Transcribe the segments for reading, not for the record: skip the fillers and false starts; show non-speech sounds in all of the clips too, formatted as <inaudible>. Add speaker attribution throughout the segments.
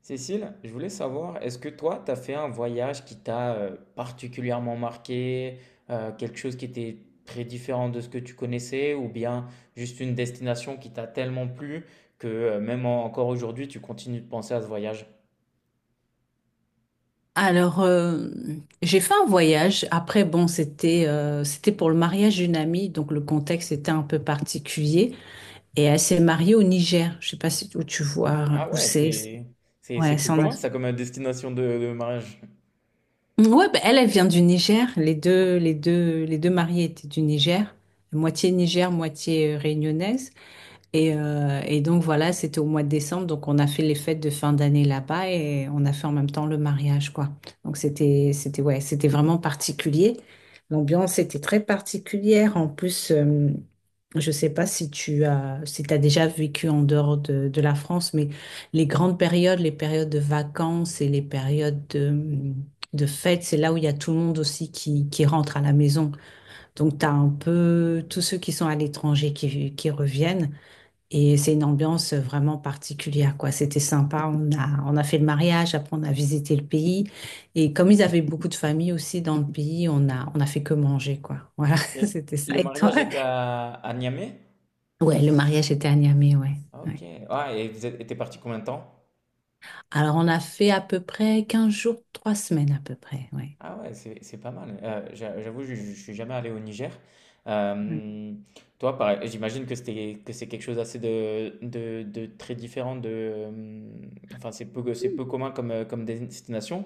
Speaker 1: Cécile, je voulais savoir, est-ce que toi, tu as fait un voyage qui t'a particulièrement marqué, quelque chose qui était très différent de ce que tu connaissais, ou bien juste une destination qui t'a tellement plu que même encore aujourd'hui, tu continues de penser à ce voyage?
Speaker 2: Alors, euh, j'ai fait un voyage. Après, bon, c'était pour le mariage d'une amie, donc le contexte était un peu particulier. Et elle s'est mariée au Niger. Je sais pas si où tu vois
Speaker 1: Ah
Speaker 2: où
Speaker 1: ouais,
Speaker 2: c'est.
Speaker 1: c'est c'est
Speaker 2: Ouais,
Speaker 1: peu
Speaker 2: c'est en
Speaker 1: commun
Speaker 2: Afrique.
Speaker 1: ça comme destination de mariage.
Speaker 2: Ouais, bah, elle vient du Niger. Les deux mariés étaient du Niger, moitié réunionnaise. Et donc voilà, c'était au mois de décembre, donc on a fait les fêtes de fin d'année là-bas et on a fait en même temps le mariage, quoi. Donc c'était vraiment particulier. L'ambiance était très particulière. En plus. Je sais pas si t'as déjà vécu en dehors de la France, mais les grandes périodes, les périodes de vacances et les périodes de fêtes, c'est là où il y a tout le monde aussi qui rentre à la maison. Donc tu as un peu tous ceux qui sont à l'étranger qui reviennent. Et c'est une ambiance vraiment particulière, quoi. C'était sympa. On a fait le mariage, après on a visité le pays. Et comme ils avaient beaucoup de familles aussi dans le pays, on a fait que manger, quoi. Voilà,
Speaker 1: Ok.
Speaker 2: <laughs> c'était
Speaker 1: Le
Speaker 2: ça. Et toi?
Speaker 1: mariage était à Niamey?
Speaker 2: Ouais, le mariage était à Niamey, ouais.
Speaker 1: Ah,
Speaker 2: Ouais.
Speaker 1: ok. Ah, et t'es parti combien de temps?
Speaker 2: Alors on a fait à peu près 15 jours, 3 semaines à peu près, ouais.
Speaker 1: Ah ouais, c'est pas mal. J'avoue, je suis jamais allé au Niger.
Speaker 2: Ouais.
Speaker 1: Euh, toi, pareil, j'imagine que c'est quelque chose assez de très différent de. Enfin, c'est peu commun comme comme destination.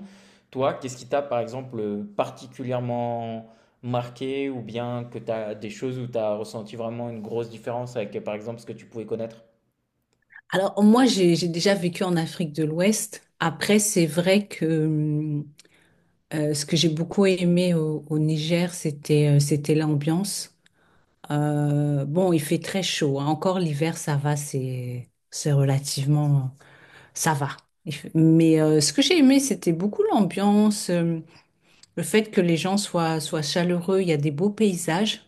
Speaker 1: Toi, qu'est-ce qui t'a par exemple particulièrement marqué ou bien que t'as des choses où t'as ressenti vraiment une grosse différence avec par exemple ce que tu pouvais connaître?
Speaker 2: Alors moi, j'ai déjà vécu en Afrique de l'Ouest. Après, c'est vrai que ce que j'ai beaucoup aimé au Niger, c'était l'ambiance. Bon, il fait très chaud, hein. Encore l'hiver, ça va, c'est relativement... Ça va. Il fait- Mais Ce que j'ai aimé, c'était beaucoup l'ambiance, le fait que les gens soient chaleureux. Il y a des beaux paysages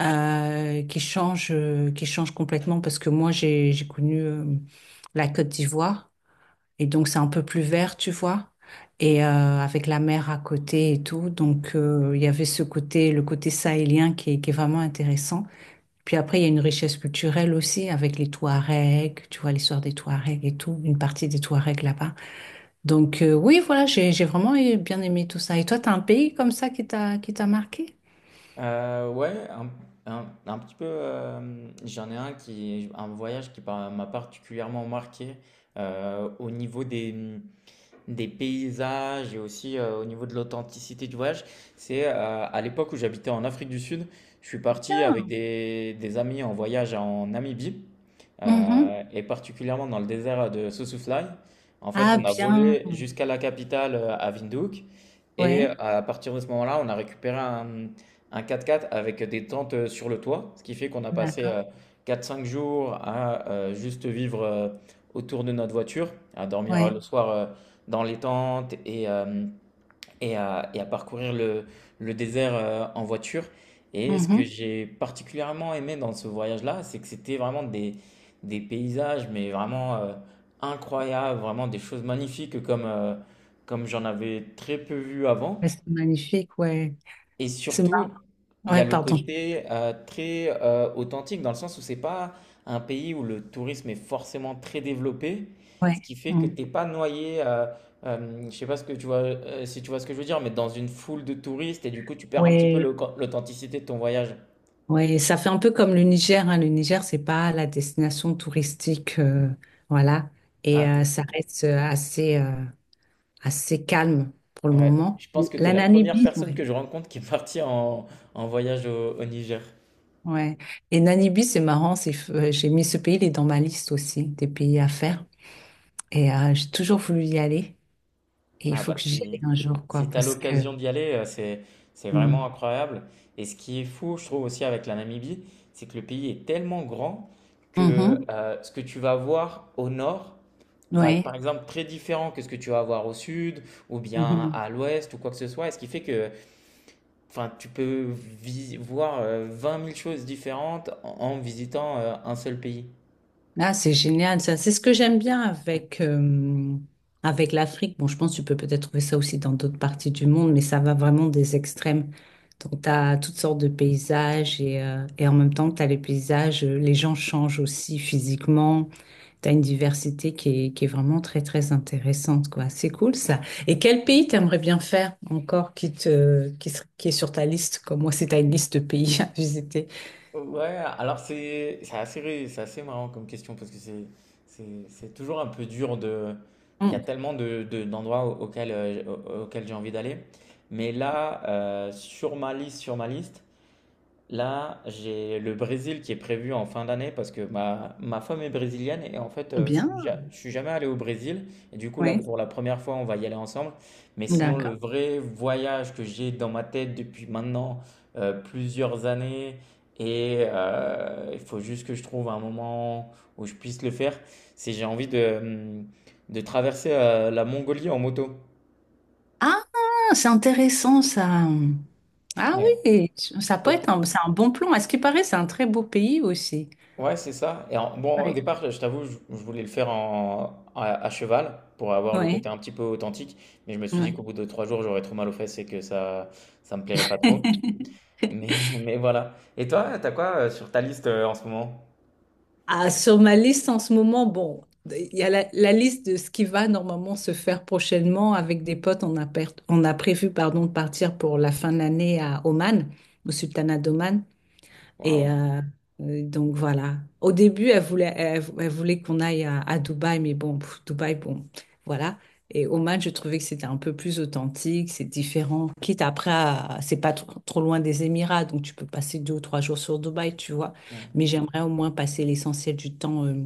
Speaker 2: qui changent complètement parce que moi, j'ai connu la Côte d'Ivoire et donc c'est un peu plus vert, tu vois, et avec la mer à côté et tout. Donc, il y avait ce côté, le côté sahélien qui est vraiment intéressant. Puis après, il y a une richesse culturelle aussi avec les Touaregs, tu vois l'histoire des Touaregs et tout, une partie des Touaregs là-bas. Donc oui, voilà, bien aimé tout ça. Et toi, t'as un pays comme ça qui t'a marqué?
Speaker 1: Ouais, un petit peu, j'en ai un qui un voyage qui par m'a particulièrement marqué, au niveau des, des paysages et aussi, au niveau de l'authenticité du voyage. C'est, à l'époque où j'habitais en Afrique du Sud, je suis parti avec
Speaker 2: Bien.
Speaker 1: des amis en voyage en Namibie, heu
Speaker 2: Mhm.
Speaker 1: et particulièrement dans le désert de Sossusvlei. En fait,
Speaker 2: Ah
Speaker 1: on a
Speaker 2: bien,
Speaker 1: volé jusqu'à la capitale, à Windhoek et
Speaker 2: ouais,
Speaker 1: à partir de ce moment-là, on a récupéré un 4x4 avec des tentes sur le toit, ce qui fait qu'on a passé
Speaker 2: d'accord,
Speaker 1: 4-5 jours à juste vivre autour de notre voiture, à dormir
Speaker 2: ouais.
Speaker 1: le soir dans les tentes et à parcourir le désert en voiture. Et ce que
Speaker 2: Mhm.
Speaker 1: j'ai particulièrement aimé dans ce voyage-là, c'est que c'était vraiment des paysages, mais vraiment incroyables, vraiment des choses magnifiques comme, comme j'en avais très peu vu avant.
Speaker 2: Ouais, c'est magnifique, ouais.
Speaker 1: Et
Speaker 2: C'est
Speaker 1: surtout,
Speaker 2: mar-
Speaker 1: il y a
Speaker 2: ouais,
Speaker 1: le
Speaker 2: pardon,
Speaker 1: côté très authentique dans le sens où c'est pas un pays où le tourisme est forcément très développé, ce
Speaker 2: ouais,
Speaker 1: qui fait que
Speaker 2: mm.
Speaker 1: t'es pas noyé. Je sais pas ce que tu vois, si tu vois ce que je veux dire, mais dans une foule de touristes et du coup tu perds un petit peu
Speaker 2: Ouais,
Speaker 1: l'authenticité de ton voyage.
Speaker 2: ouais. Ça fait un peu comme le Niger, hein. Le Niger, c'est pas la destination touristique, voilà, et
Speaker 1: Ah,
Speaker 2: ça reste assez calme pour le
Speaker 1: ouais.
Speaker 2: moment.
Speaker 1: Je pense que tu
Speaker 2: La
Speaker 1: es la première
Speaker 2: Namibie,
Speaker 1: personne
Speaker 2: ouais.
Speaker 1: que je rencontre qui est partie en voyage au Niger.
Speaker 2: Ouais. Et Namibie, c'est marrant, j'ai mis ce pays, il est dans ma liste aussi des pays à faire. Et j'ai toujours voulu y aller. Et il
Speaker 1: Ah
Speaker 2: faut
Speaker 1: bah
Speaker 2: que j'y aille
Speaker 1: si
Speaker 2: un jour, quoi,
Speaker 1: si tu as
Speaker 2: parce que.
Speaker 1: l'occasion d'y aller, c'est vraiment
Speaker 2: Mm.
Speaker 1: incroyable. Et ce qui est fou, je trouve aussi avec la Namibie, c'est que le pays est tellement grand que
Speaker 2: Mhm.
Speaker 1: ce que tu vas voir au nord va être par
Speaker 2: Ouais.
Speaker 1: exemple très différent que ce que tu vas voir au sud ou bien
Speaker 2: Mhm.
Speaker 1: à l'ouest ou quoi que ce soit. Et ce qui fait que enfin, tu peux voir 20 000 choses différentes en visitant un seul pays.
Speaker 2: Ah, c'est génial, ça. C'est ce que j'aime bien avec avec l'Afrique. Bon, je pense que tu peux peut-être trouver ça aussi dans d'autres parties du monde, mais ça va vraiment des extrêmes. Donc, tu as toutes sortes de paysages et en même temps que tu as les paysages, les gens changent aussi physiquement. Tu as une diversité qui est vraiment très intéressante, quoi. C'est cool, ça. Et quel pays t'aimerais bien faire encore qui te, qui est sur ta liste, comme moi, c'est ta liste de pays à visiter?
Speaker 1: Ouais, alors c'est assez, c'est assez marrant comme question parce que c'est c'est toujours un peu dur de... Il y a
Speaker 2: Hum,
Speaker 1: tellement de, d'endroits auxquels, auxquels j'ai envie d'aller. Mais là, sur ma liste, là, j'ai le Brésil qui est prévu en fin d'année parce que ma femme est brésilienne et en fait, je suis,
Speaker 2: Bien,
Speaker 1: je suis jamais allé au Brésil. Et du coup, là,
Speaker 2: oui.
Speaker 1: pour la première fois, on va y aller ensemble. Mais sinon, le
Speaker 2: D'accord.
Speaker 1: vrai voyage que j'ai dans ma tête depuis maintenant plusieurs années et il faut juste que je trouve un moment où je puisse le faire, c'est j'ai envie de traverser la Mongolie en moto.
Speaker 2: Ah, c'est intéressant ça. Ah oui, ça peut
Speaker 1: Ouais.
Speaker 2: être un, c'est un bon plan. À ce qui paraît, c'est un très beau pays aussi.
Speaker 1: Ouais, c'est ça. Et en- bon, au
Speaker 2: Ouais,
Speaker 1: départ, je t'avoue, je voulais le faire en, à cheval pour avoir le
Speaker 2: ouais,
Speaker 1: côté un petit peu authentique, mais je me suis dit
Speaker 2: ouais.
Speaker 1: qu'au bout de 3 jours, j'aurais trop mal aux fesses et que ça me plairait pas trop.
Speaker 2: <laughs>
Speaker 1: Mais, <laughs> mais voilà. Et toi, t'as quoi sur ta liste en ce moment?
Speaker 2: Ah, sur ma liste en ce moment, bon, il y a la liste de ce qui va normalement se faire prochainement avec des potes. On a prévu, pardon, de partir pour la fin de l'année à Oman, au Sultanat d'Oman. Et
Speaker 1: Waouh.
Speaker 2: euh, donc voilà. Au début, elle voulait qu'on aille à Dubaï, mais bon, pff, Dubaï, bon, voilà. Et Oman, je trouvais que c'était un peu plus authentique, c'est différent. Quitte après, c'est pas trop loin des Émirats, donc tu peux passer 2 ou 3 jours sur Dubaï, tu vois. Mais j'aimerais au moins passer l'essentiel du temps euh,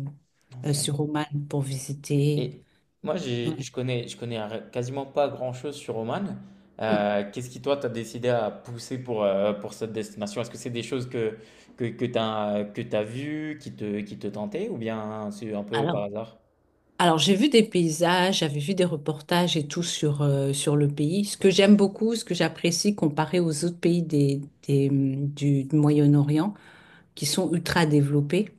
Speaker 2: euh,
Speaker 1: Ouais.
Speaker 2: sur Oman pour visiter.
Speaker 1: Et moi,
Speaker 2: Ouais.
Speaker 1: je connais quasiment pas grand-chose sur Oman.
Speaker 2: Mm.
Speaker 1: Qu'est-ce qui, toi, t'as décidé à pousser pour cette destination? Est-ce que c'est des choses que, que t'as vues, qui te tentaient, ou bien c'est un peu par
Speaker 2: Alors,
Speaker 1: hasard?
Speaker 2: Alors, j'ai vu des paysages, j'avais vu des reportages et tout sur, sur le pays. Ce que j'aime beaucoup, ce que j'apprécie comparé aux autres pays du Moyen-Orient qui sont ultra développés,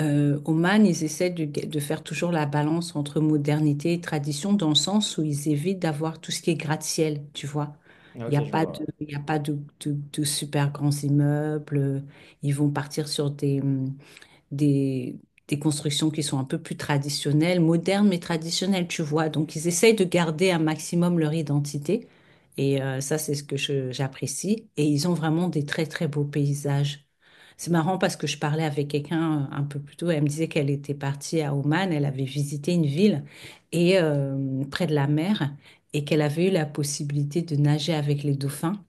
Speaker 2: Oman, ils essaient de faire toujours la balance entre modernité et tradition dans le sens où ils évitent d'avoir tout ce qui est gratte-ciel, tu vois.
Speaker 1: Ok, je vois.
Speaker 2: Il y a pas de super grands immeubles, ils vont partir sur des, des constructions qui sont un peu plus traditionnelles, modernes mais traditionnelles, tu vois. Donc, ils essayent de garder un maximum leur identité. Et ça, c'est ce que j'apprécie. Et ils ont vraiment des très beaux paysages. C'est marrant parce que je parlais avec quelqu'un un peu plus tôt. Elle me disait qu'elle était partie à Oman. Elle avait visité une ville et près de la mer et qu'elle avait eu la possibilité de nager avec les dauphins.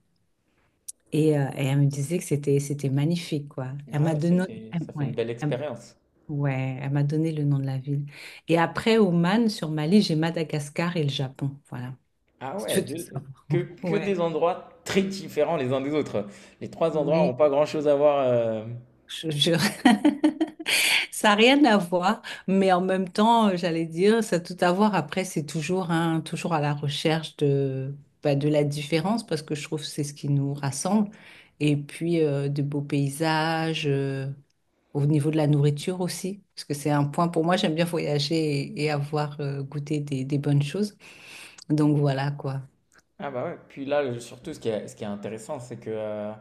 Speaker 2: Et elle me disait que c'était magnifique, quoi.
Speaker 1: Ouais.
Speaker 2: Elle
Speaker 1: Ah
Speaker 2: m'a
Speaker 1: ouais,
Speaker 2: donné,
Speaker 1: ça fait
Speaker 2: ouais.
Speaker 1: une belle expérience.
Speaker 2: Ouais, elle m'a donné le nom de la ville. Et après, Oman, sur Mali, j'ai Madagascar et le Japon. Voilà,
Speaker 1: Ah
Speaker 2: si tu
Speaker 1: ouais,
Speaker 2: veux tout savoir.
Speaker 1: que,
Speaker 2: <laughs>
Speaker 1: que
Speaker 2: Ouais,
Speaker 1: des endroits très différents les uns des autres. Les trois endroits n'ont
Speaker 2: oui,
Speaker 1: pas grand-chose à voir.
Speaker 2: je jure. <laughs> Ça n'a rien à voir, mais en même temps, j'allais dire, ça a tout à voir. Après, c'est toujours, hein, toujours à la recherche de, bah, de la différence, parce que je trouve que c'est ce qui nous rassemble. Et puis, de beaux paysages, au niveau de la nourriture aussi, parce que c'est un point pour moi, j'aime bien voyager et avoir goûté des bonnes choses. Donc voilà quoi.
Speaker 1: Ah bah ouais, puis là, surtout, ce qui est intéressant,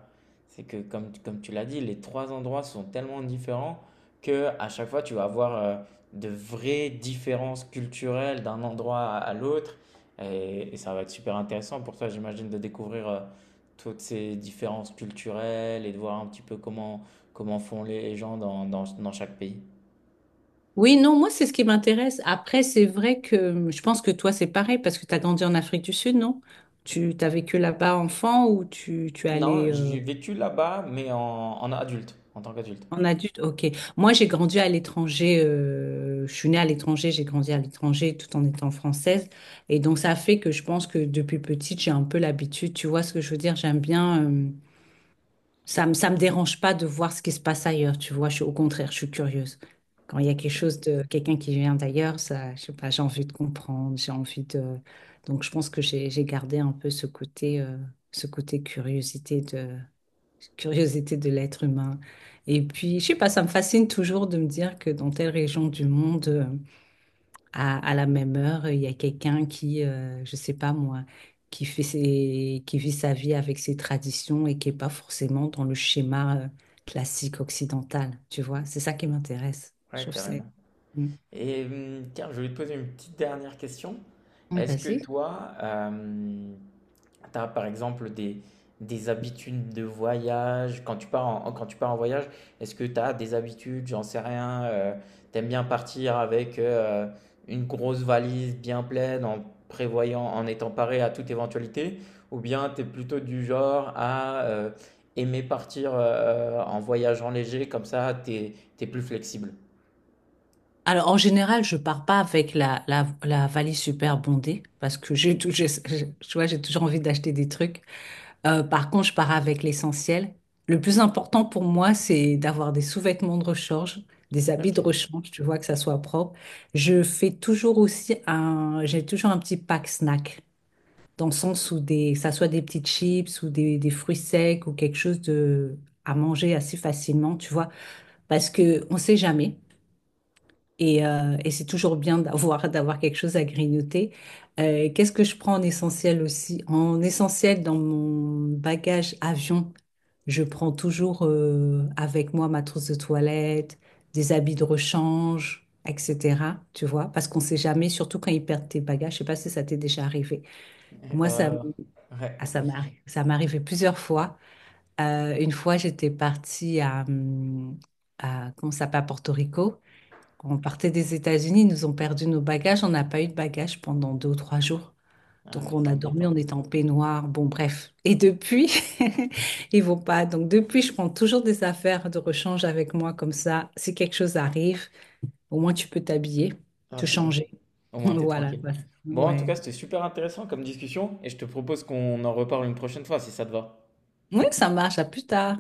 Speaker 1: c'est que comme, comme tu l'as dit, les trois endroits sont tellement différents que à chaque fois, tu vas avoir de vraies différences culturelles d'un endroit à l'autre. Et ça va être super intéressant pour toi, j'imagine, de découvrir toutes ces différences culturelles et de voir un petit peu comment, comment font les gens dans, dans, dans chaque pays.
Speaker 2: Oui, non, moi c'est ce qui m'intéresse. Après, c'est vrai que je pense que toi c'est pareil parce que tu as grandi en Afrique du Sud, non? Tu t'as vécu là-bas enfant ou tu es
Speaker 1: Non,
Speaker 2: allé
Speaker 1: j'ai vécu là-bas, mais en, en adulte, en tant qu'adulte.
Speaker 2: en adulte? Ok. Moi j'ai grandi à l'étranger, je suis née à l'étranger, j'ai grandi à l'étranger tout en étant française. Et donc ça fait que je pense que depuis petite j'ai un peu l'habitude, tu vois ce que je veux dire? J'aime bien, ça me dérange pas de voir ce qui se passe ailleurs, tu vois. Je suis, au contraire, je suis curieuse. Quand il y a quelque chose de quelqu'un qui vient d'ailleurs, ça, je sais pas, j'ai envie de comprendre, j'ai envie de. Donc, je pense que j'ai gardé un peu ce côté curiosité de l'être humain. Et puis, je sais pas, ça me fascine toujours de me dire que dans telle région du monde, à la même heure, il y a quelqu'un qui, je sais pas moi, qui vit sa vie avec ses traditions et qui est pas forcément dans le schéma classique occidental, tu vois? C'est ça qui m'intéresse. Je
Speaker 1: Ouais,
Speaker 2: trouve que c'est...
Speaker 1: carrément.
Speaker 2: Mm.
Speaker 1: Et tiens, je voulais te poser une petite dernière question.
Speaker 2: Ouais,
Speaker 1: Est-ce que
Speaker 2: vas-y.
Speaker 1: toi, tu as par exemple des habitudes de voyage? Quand tu pars en, quand tu pars en voyage, est-ce que tu as des habitudes, j'en sais rien, t'aimes bien partir avec une grosse valise bien pleine en prévoyant, en étant paré à toute éventualité? Ou bien tu es plutôt du genre à aimer partir en voyageant léger, comme ça, tu es plus flexible?
Speaker 2: Alors, en général, je pars pas avec la valise super bondée parce que j'ai tout, j'ai- tu vois, j'ai toujours envie d'acheter des trucs. Par contre, je pars avec l'essentiel. Le plus important pour moi, c'est d'avoir des sous-vêtements de rechange, des habits de
Speaker 1: Ok.
Speaker 2: rechange, tu vois, que ça soit propre. Je fais toujours aussi j'ai toujours un petit pack snack, dans le sens où que ça soit des petites chips ou des fruits secs ou quelque chose de, à manger assez facilement, tu vois, parce que on sait jamais. Et c'est toujours bien d'avoir <laughs> d'avoir quelque chose à grignoter. Qu'est-ce que je prends en essentiel aussi? En essentiel, dans mon bagage avion, je prends toujours avec moi ma trousse de toilette, des habits de rechange, etc. Tu vois, parce qu'on sait jamais, surtout quand ils perdent tes bagages. Je sais pas si ça t'est déjà arrivé.
Speaker 1: Ouais,
Speaker 2: Moi, ça, m-
Speaker 1: ouais, ouais. Ouais.
Speaker 2: ah, ça m'est arri- Ça m'est arrivé plusieurs fois. Une fois, j'étais partie à comment ça s'appelle, à Porto Rico. Quand on partait des États-Unis, ils nous ont perdu nos bagages. On n'a pas eu de bagages pendant 2 ou 3 jours.
Speaker 1: Ah
Speaker 2: Donc
Speaker 1: ouais,
Speaker 2: on
Speaker 1: c'est
Speaker 2: a dormi, on
Speaker 1: embêtant.
Speaker 2: était en peignoir. Bon, bref. Et depuis, <laughs> ils vont pas. Donc depuis, je prends toujours des affaires de rechange avec moi comme ça. Si quelque chose arrive, au moins tu peux t'habiller,
Speaker 1: Ah
Speaker 2: te
Speaker 1: ouais, au,
Speaker 2: changer.
Speaker 1: au
Speaker 2: <laughs>
Speaker 1: moins, t'es
Speaker 2: Voilà,
Speaker 1: tranquille.
Speaker 2: quoi.
Speaker 1: Bon, en tout
Speaker 2: Ouais.
Speaker 1: cas, c'était super intéressant comme discussion et je te propose qu'on en reparle une prochaine fois si ça te va.
Speaker 2: Oui, ça marche. À plus tard.